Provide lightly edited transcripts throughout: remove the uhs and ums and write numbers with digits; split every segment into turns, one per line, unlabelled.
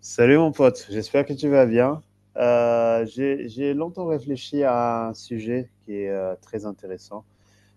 Salut mon pote, j'espère que tu vas bien. J'ai longtemps réfléchi à un sujet qui est très intéressant.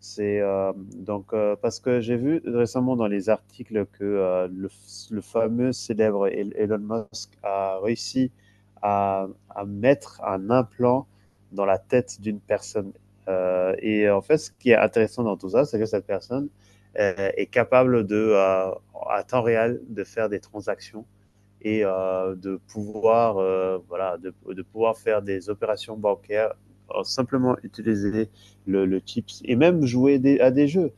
C'est donc Parce que j'ai vu récemment dans les articles que le fameux célèbre Elon Musk a réussi à mettre un implant dans la tête d'une personne. Et en fait, ce qui est intéressant dans tout ça, c'est que cette personne est capable de, à temps réel, de faire des transactions et de pouvoir de pouvoir faire des opérations bancaires en simplement utiliser le chips et même jouer des, à des jeux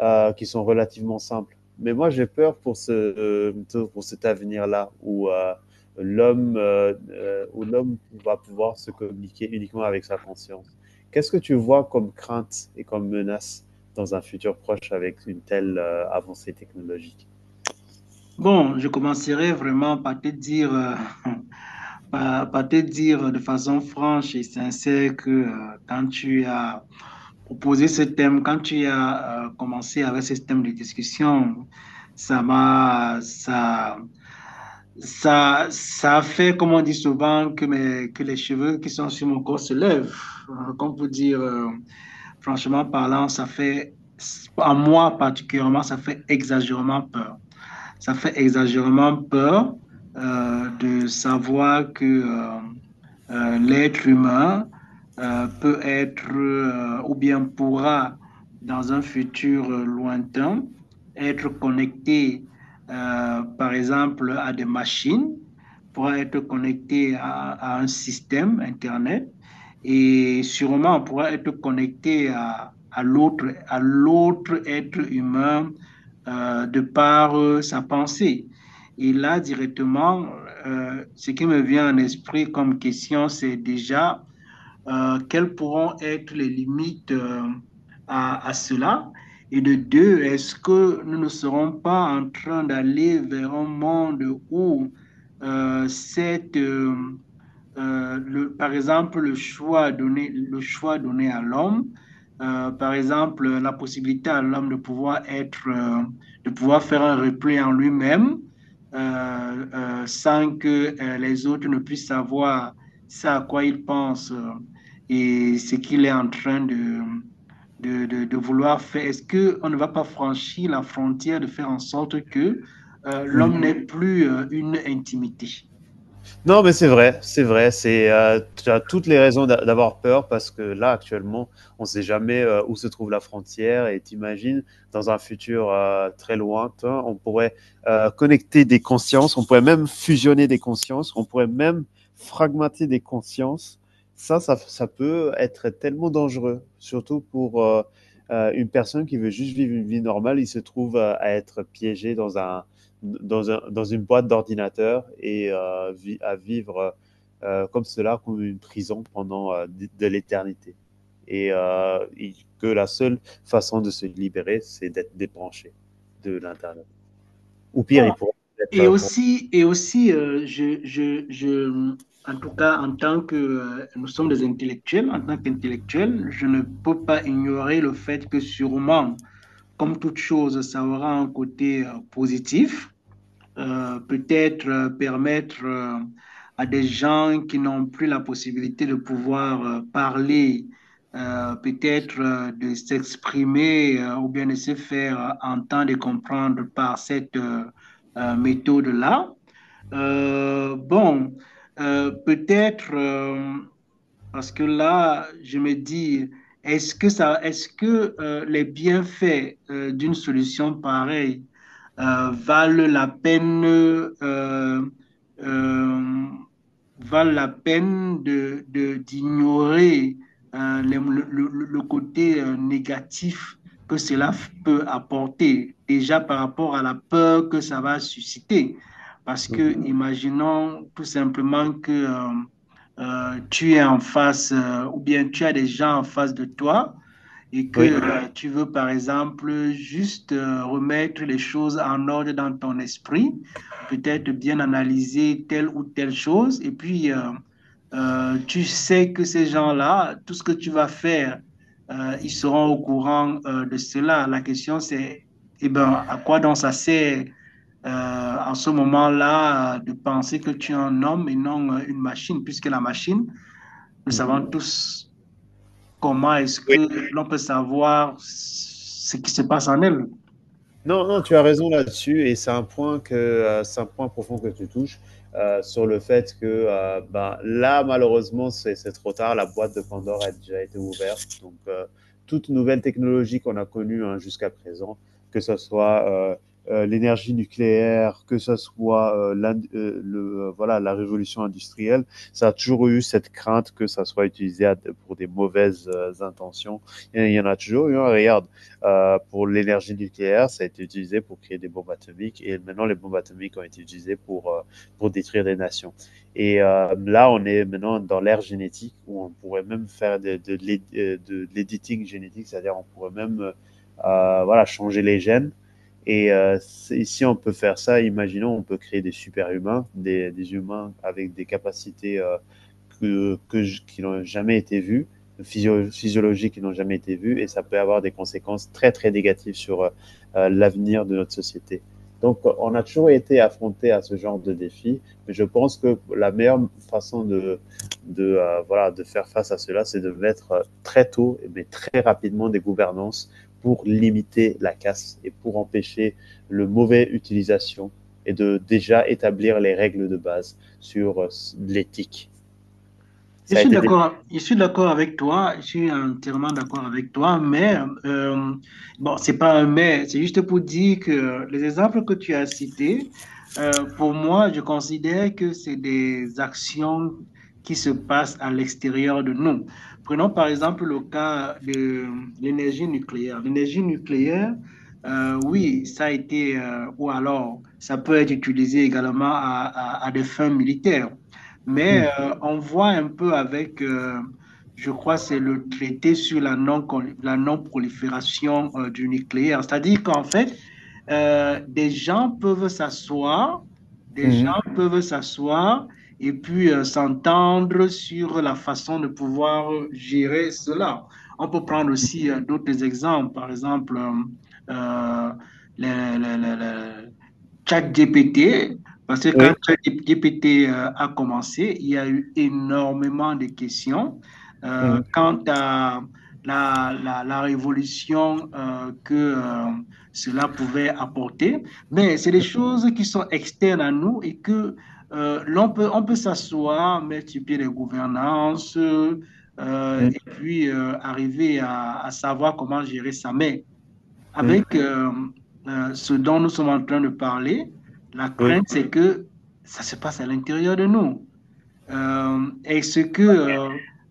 qui sont relativement simples. Mais moi, j'ai peur pour cet avenir-là où l'homme où l'homme va pouvoir se communiquer uniquement avec sa conscience. Qu'est-ce que tu vois comme crainte et comme menace dans un futur proche avec une telle avancée technologique.
Bon, je commencerai vraiment par te dire, par te dire de façon franche et sincère que quand tu as proposé ce thème, quand tu as commencé avec ce thème de discussion, ça m'a, ça a fait, comme on dit souvent, que, que les cheveux qui sont sur mon corps se lèvent. Comme pour dire, franchement parlant, ça fait, à moi particulièrement, ça fait exagérément peur, ça fait exagérément peur, de savoir que l'être humain peut être, ou bien pourra dans un futur lointain être connecté, par exemple à des machines, pourra être connecté à un système Internet, et sûrement on pourra être connecté à l'autre être humain de par sa pensée. Et là, directement, ce qui me vient en esprit comme question, c'est déjà quelles pourront être les limites à cela? Et de deux, est-ce que nous ne serons pas en train d'aller vers un monde où euh, cette, euh, le, par exemple, le choix donné à l'homme, par exemple, la possibilité à l'homme de pouvoir être, de pouvoir faire un repli en lui-même sans que les autres ne puissent savoir ce à quoi il pense, et ce qu'il est en train de vouloir faire. Est-ce qu'on ne va pas franchir la frontière de faire en sorte que
Mm.
l'homme n'ait plus une intimité?
Non, mais c'est vrai, c'est vrai. C'est, tu as toutes les raisons d'avoir peur parce que là, actuellement, on ne sait jamais où se trouve la frontière. Et t'imagines, dans un futur très lointain, on pourrait connecter des consciences, on pourrait même fusionner des consciences, on pourrait même fragmenter des consciences. Ça peut être tellement dangereux, surtout pour une personne qui veut juste vivre une vie normale. Il se trouve à être piégé dans dans une boîte d'ordinateur et à vivre comme cela, comme une prison pendant de l'éternité. Et que la seule façon de se libérer, c'est d'être débranché de l'Internet. Ou pire,
Bon,
il pourrait
Et
être...
aussi, et aussi, je, en tout cas, en tant que nous sommes des intellectuels, en tant qu'intellectuels, je ne peux pas ignorer le fait que sûrement, comme toute chose, ça aura un côté positif, peut-être permettre à des gens qui n'ont plus la possibilité de pouvoir parler, peut-être de s'exprimer, ou bien de se faire entendre et comprendre par cette méthode-là. Bon, peut-être... parce que là, je me dis, est-ce que les bienfaits d'une solution pareille euh, valent la peine, euh, euh, valent la peine d'ignorer le côté négatif que cela peut apporter, déjà par rapport à la peur que ça va susciter. Parce que imaginons tout simplement que tu es en face, ou bien tu as des gens en face de toi, et que
Oui.
tu veux, par exemple, juste remettre les choses en ordre dans ton esprit, peut-être bien analyser telle ou telle chose, et puis tu sais que ces gens-là, tout ce que tu vas faire, ils seront au courant de cela. La question, c'est, eh ben, à quoi donc ça sert euh, en ce moment-là de penser que tu es un homme et non une machine, puisque la machine, nous savons tous comment est-ce
Oui,
que l'on peut savoir ce qui se passe en elle.
Non, non, tu as raison là-dessus et c'est un point que, c'est un point profond que tu touches, sur le fait que, bah, là, malheureusement, c'est trop tard. La boîte de Pandore a déjà été ouverte donc toute nouvelle technologie qu'on a connue, hein, jusqu'à présent, que ce soit, heu l'énergie nucléaire, que ce soit, la révolution industrielle, ça a toujours eu cette crainte que ça soit utilisé à pour des mauvaises, intentions. Il y en a toujours eu, hein. Regarde, pour l'énergie nucléaire, ça a été utilisé pour créer des bombes atomiques et maintenant les bombes atomiques ont été utilisées pour détruire des nations. Et là, on est maintenant dans l'ère génétique où on pourrait même faire de l'éditing génétique, c'est-à-dire on pourrait même voilà, changer les gènes. Et si on peut faire ça, imaginons, on peut créer des super-humains, humains avec des capacités qui n'ont jamais été vues, physiologiques qui n'ont jamais été vues et ça peut avoir des conséquences très très négatives sur l'avenir de notre société. Donc on a toujours été affronté à ce genre de défi, mais je pense que la meilleure façon de faire face à cela, c'est de mettre très tôt, mais très rapidement des gouvernances pour limiter la casse et pour empêcher le mauvais utilisation et de déjà établir les règles de base sur l'éthique. Ça a été des...
Je suis d'accord avec toi, je suis entièrement d'accord avec toi, mais euh, bon, c'est pas un mais, c'est juste pour dire que les exemples que tu as cités, pour moi, je considère que c'est des actions qui se passent à l'extérieur de nous. Prenons par exemple le cas de l'énergie nucléaire. L'énergie nucléaire, oui, ou alors ça peut être utilisé également à des fins militaires. Mais
mm
on voit un peu avec, je crois, c'est le traité sur la non, la non-prolifération du nucléaire. C'est-à-dire qu'en fait, des gens peuvent s'asseoir, des
-hmm.
gens peuvent s'asseoir et puis s'entendre sur la façon de pouvoir gérer cela. On peut prendre aussi d'autres exemples, par exemple, euh, les, les- les- les- ChatGPT, parce que quand
Oui.
ChatGPT a commencé, il y a eu énormément de questions
Mm.
quant à la révolution que cela pouvait apporter. Mais c'est des choses qui sont externes à nous et que on peut s'asseoir, mettre sur pied des gouvernances,
Mm,
et puis arriver à savoir comment gérer ça. Mais
mm,
avec ce dont nous sommes en train de parler, la
oui.
crainte, c'est que ça se passe à l'intérieur de nous. Est-ce que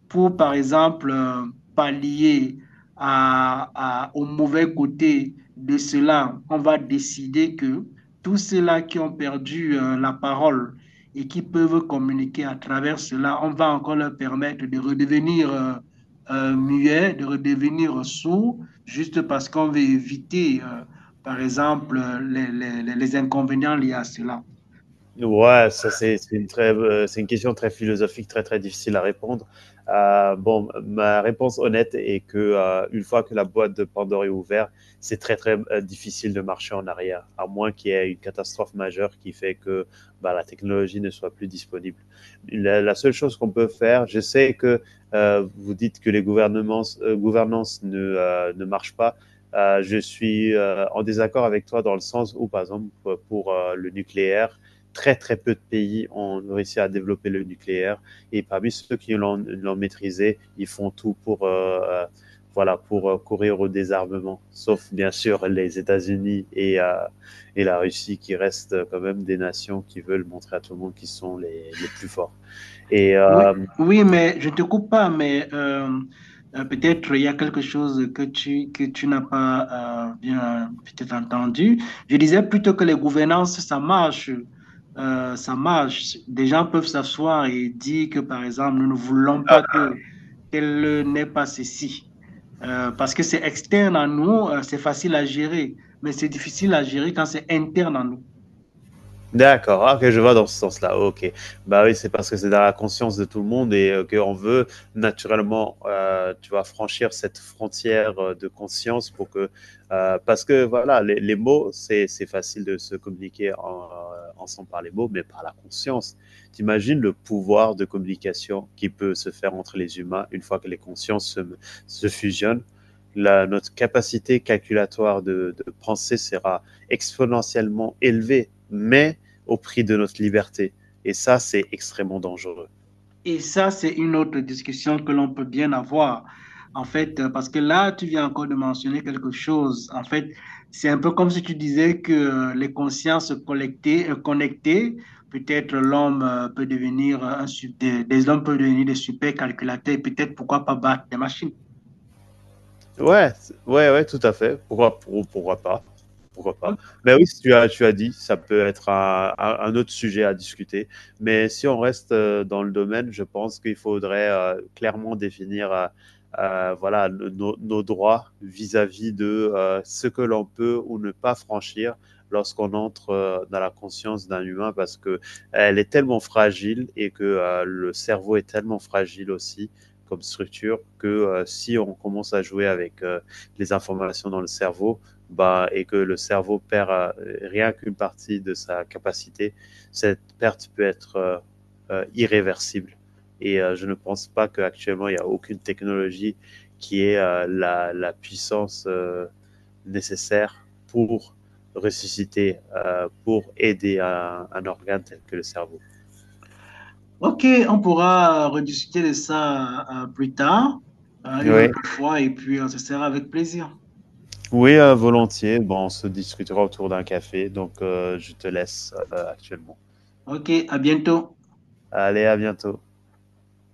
pour, par exemple, pallier au mauvais côté de cela, on va décider que tous ceux-là qui ont perdu la parole et qui peuvent communiquer à travers cela, on va encore leur permettre de redevenir muets, de redevenir sourds, juste parce qu'on veut éviter, par exemple, les inconvénients liés à cela.
Ouais, ça c'est une très, c'est une question très philosophique, très, très difficile à répondre. Bon, ma réponse honnête est que, une fois que la boîte de Pandore est ouverte, c'est très, très, difficile de marcher en arrière, à moins qu'il y ait une catastrophe majeure qui fait que, bah, la technologie ne soit plus disponible. La seule chose qu'on peut faire, je sais que, vous dites que les gouvernements gouvernances ne marchent pas. Je suis, en désaccord avec toi dans le sens où, par exemple, pour, le nucléaire, très très peu de pays ont réussi à développer le nucléaire et parmi ceux qui l'ont maîtrisé, ils font tout pour voilà pour courir au désarmement, sauf bien sûr les États-Unis et la Russie qui restent quand même des nations qui veulent montrer à tout le monde qu'ils sont les plus forts. Et
Oui,
euh,
oui, mais je te coupe pas, mais peut-être il y a quelque chose que que tu n'as pas bien peut-être entendu. Je disais plutôt que les gouvernances, ça marche. Ça marche. Des gens peuvent s'asseoir et dire que, par exemple, nous ne voulons pas que qu'elle n'ait pas ceci. Parce que c'est externe à nous, c'est facile à gérer, mais c'est difficile à gérer quand c'est interne à nous.
D'accord, ah, ok, je vois dans ce sens-là, ok. Bah oui, c'est parce que c'est dans la conscience de tout le monde et qu'on veut naturellement, tu vois, franchir cette frontière de conscience pour que, parce que voilà, les mots, c'est facile de se communiquer en, ensemble par les mots, mais par la conscience. T'imagines le pouvoir de communication qui peut se faire entre les humains une fois que se fusionnent. Notre capacité calculatoire de penser sera exponentiellement élevée, mais au prix de notre liberté. Et ça, c'est extrêmement dangereux.
Et ça, c'est une autre discussion que l'on peut bien avoir. En fait, parce que là, tu viens encore de mentionner quelque chose. En fait, c'est un peu comme si tu disais que les consciences collectées, connectées, peut-être l'homme peut devenir des hommes peuvent devenir des super calculateurs et peut-être pourquoi pas battre des machines.
Ouais, ouais, tout à fait. Pourquoi pas? Pourquoi pas? Mais oui, tu as dit, ça peut être un autre sujet à discuter. Mais si on reste dans le domaine, je pense qu'il faudrait clairement définir nos droits vis-à-vis de ce que l'on peut ou ne pas franchir lorsqu'on entre dans la conscience d'un humain parce que elle est tellement fragile et que le cerveau est tellement fragile aussi comme structure que si on commence à jouer avec les informations dans le cerveau, bah, et que le cerveau perd rien qu'une partie de sa capacité, cette perte peut être irréversible. Et je ne pense pas qu'actuellement il n'y a aucune technologie qui ait puissance nécessaire pour ressusciter, pour aider à un organe tel que le cerveau.
Ok, on pourra rediscuter de ça plus tard, une
Oui,
autre fois, et puis ce sera avec plaisir.
Oui, volontiers. Bon, on se discutera autour d'un café, donc je te laisse actuellement.
Ok, à bientôt.
Allez, à bientôt.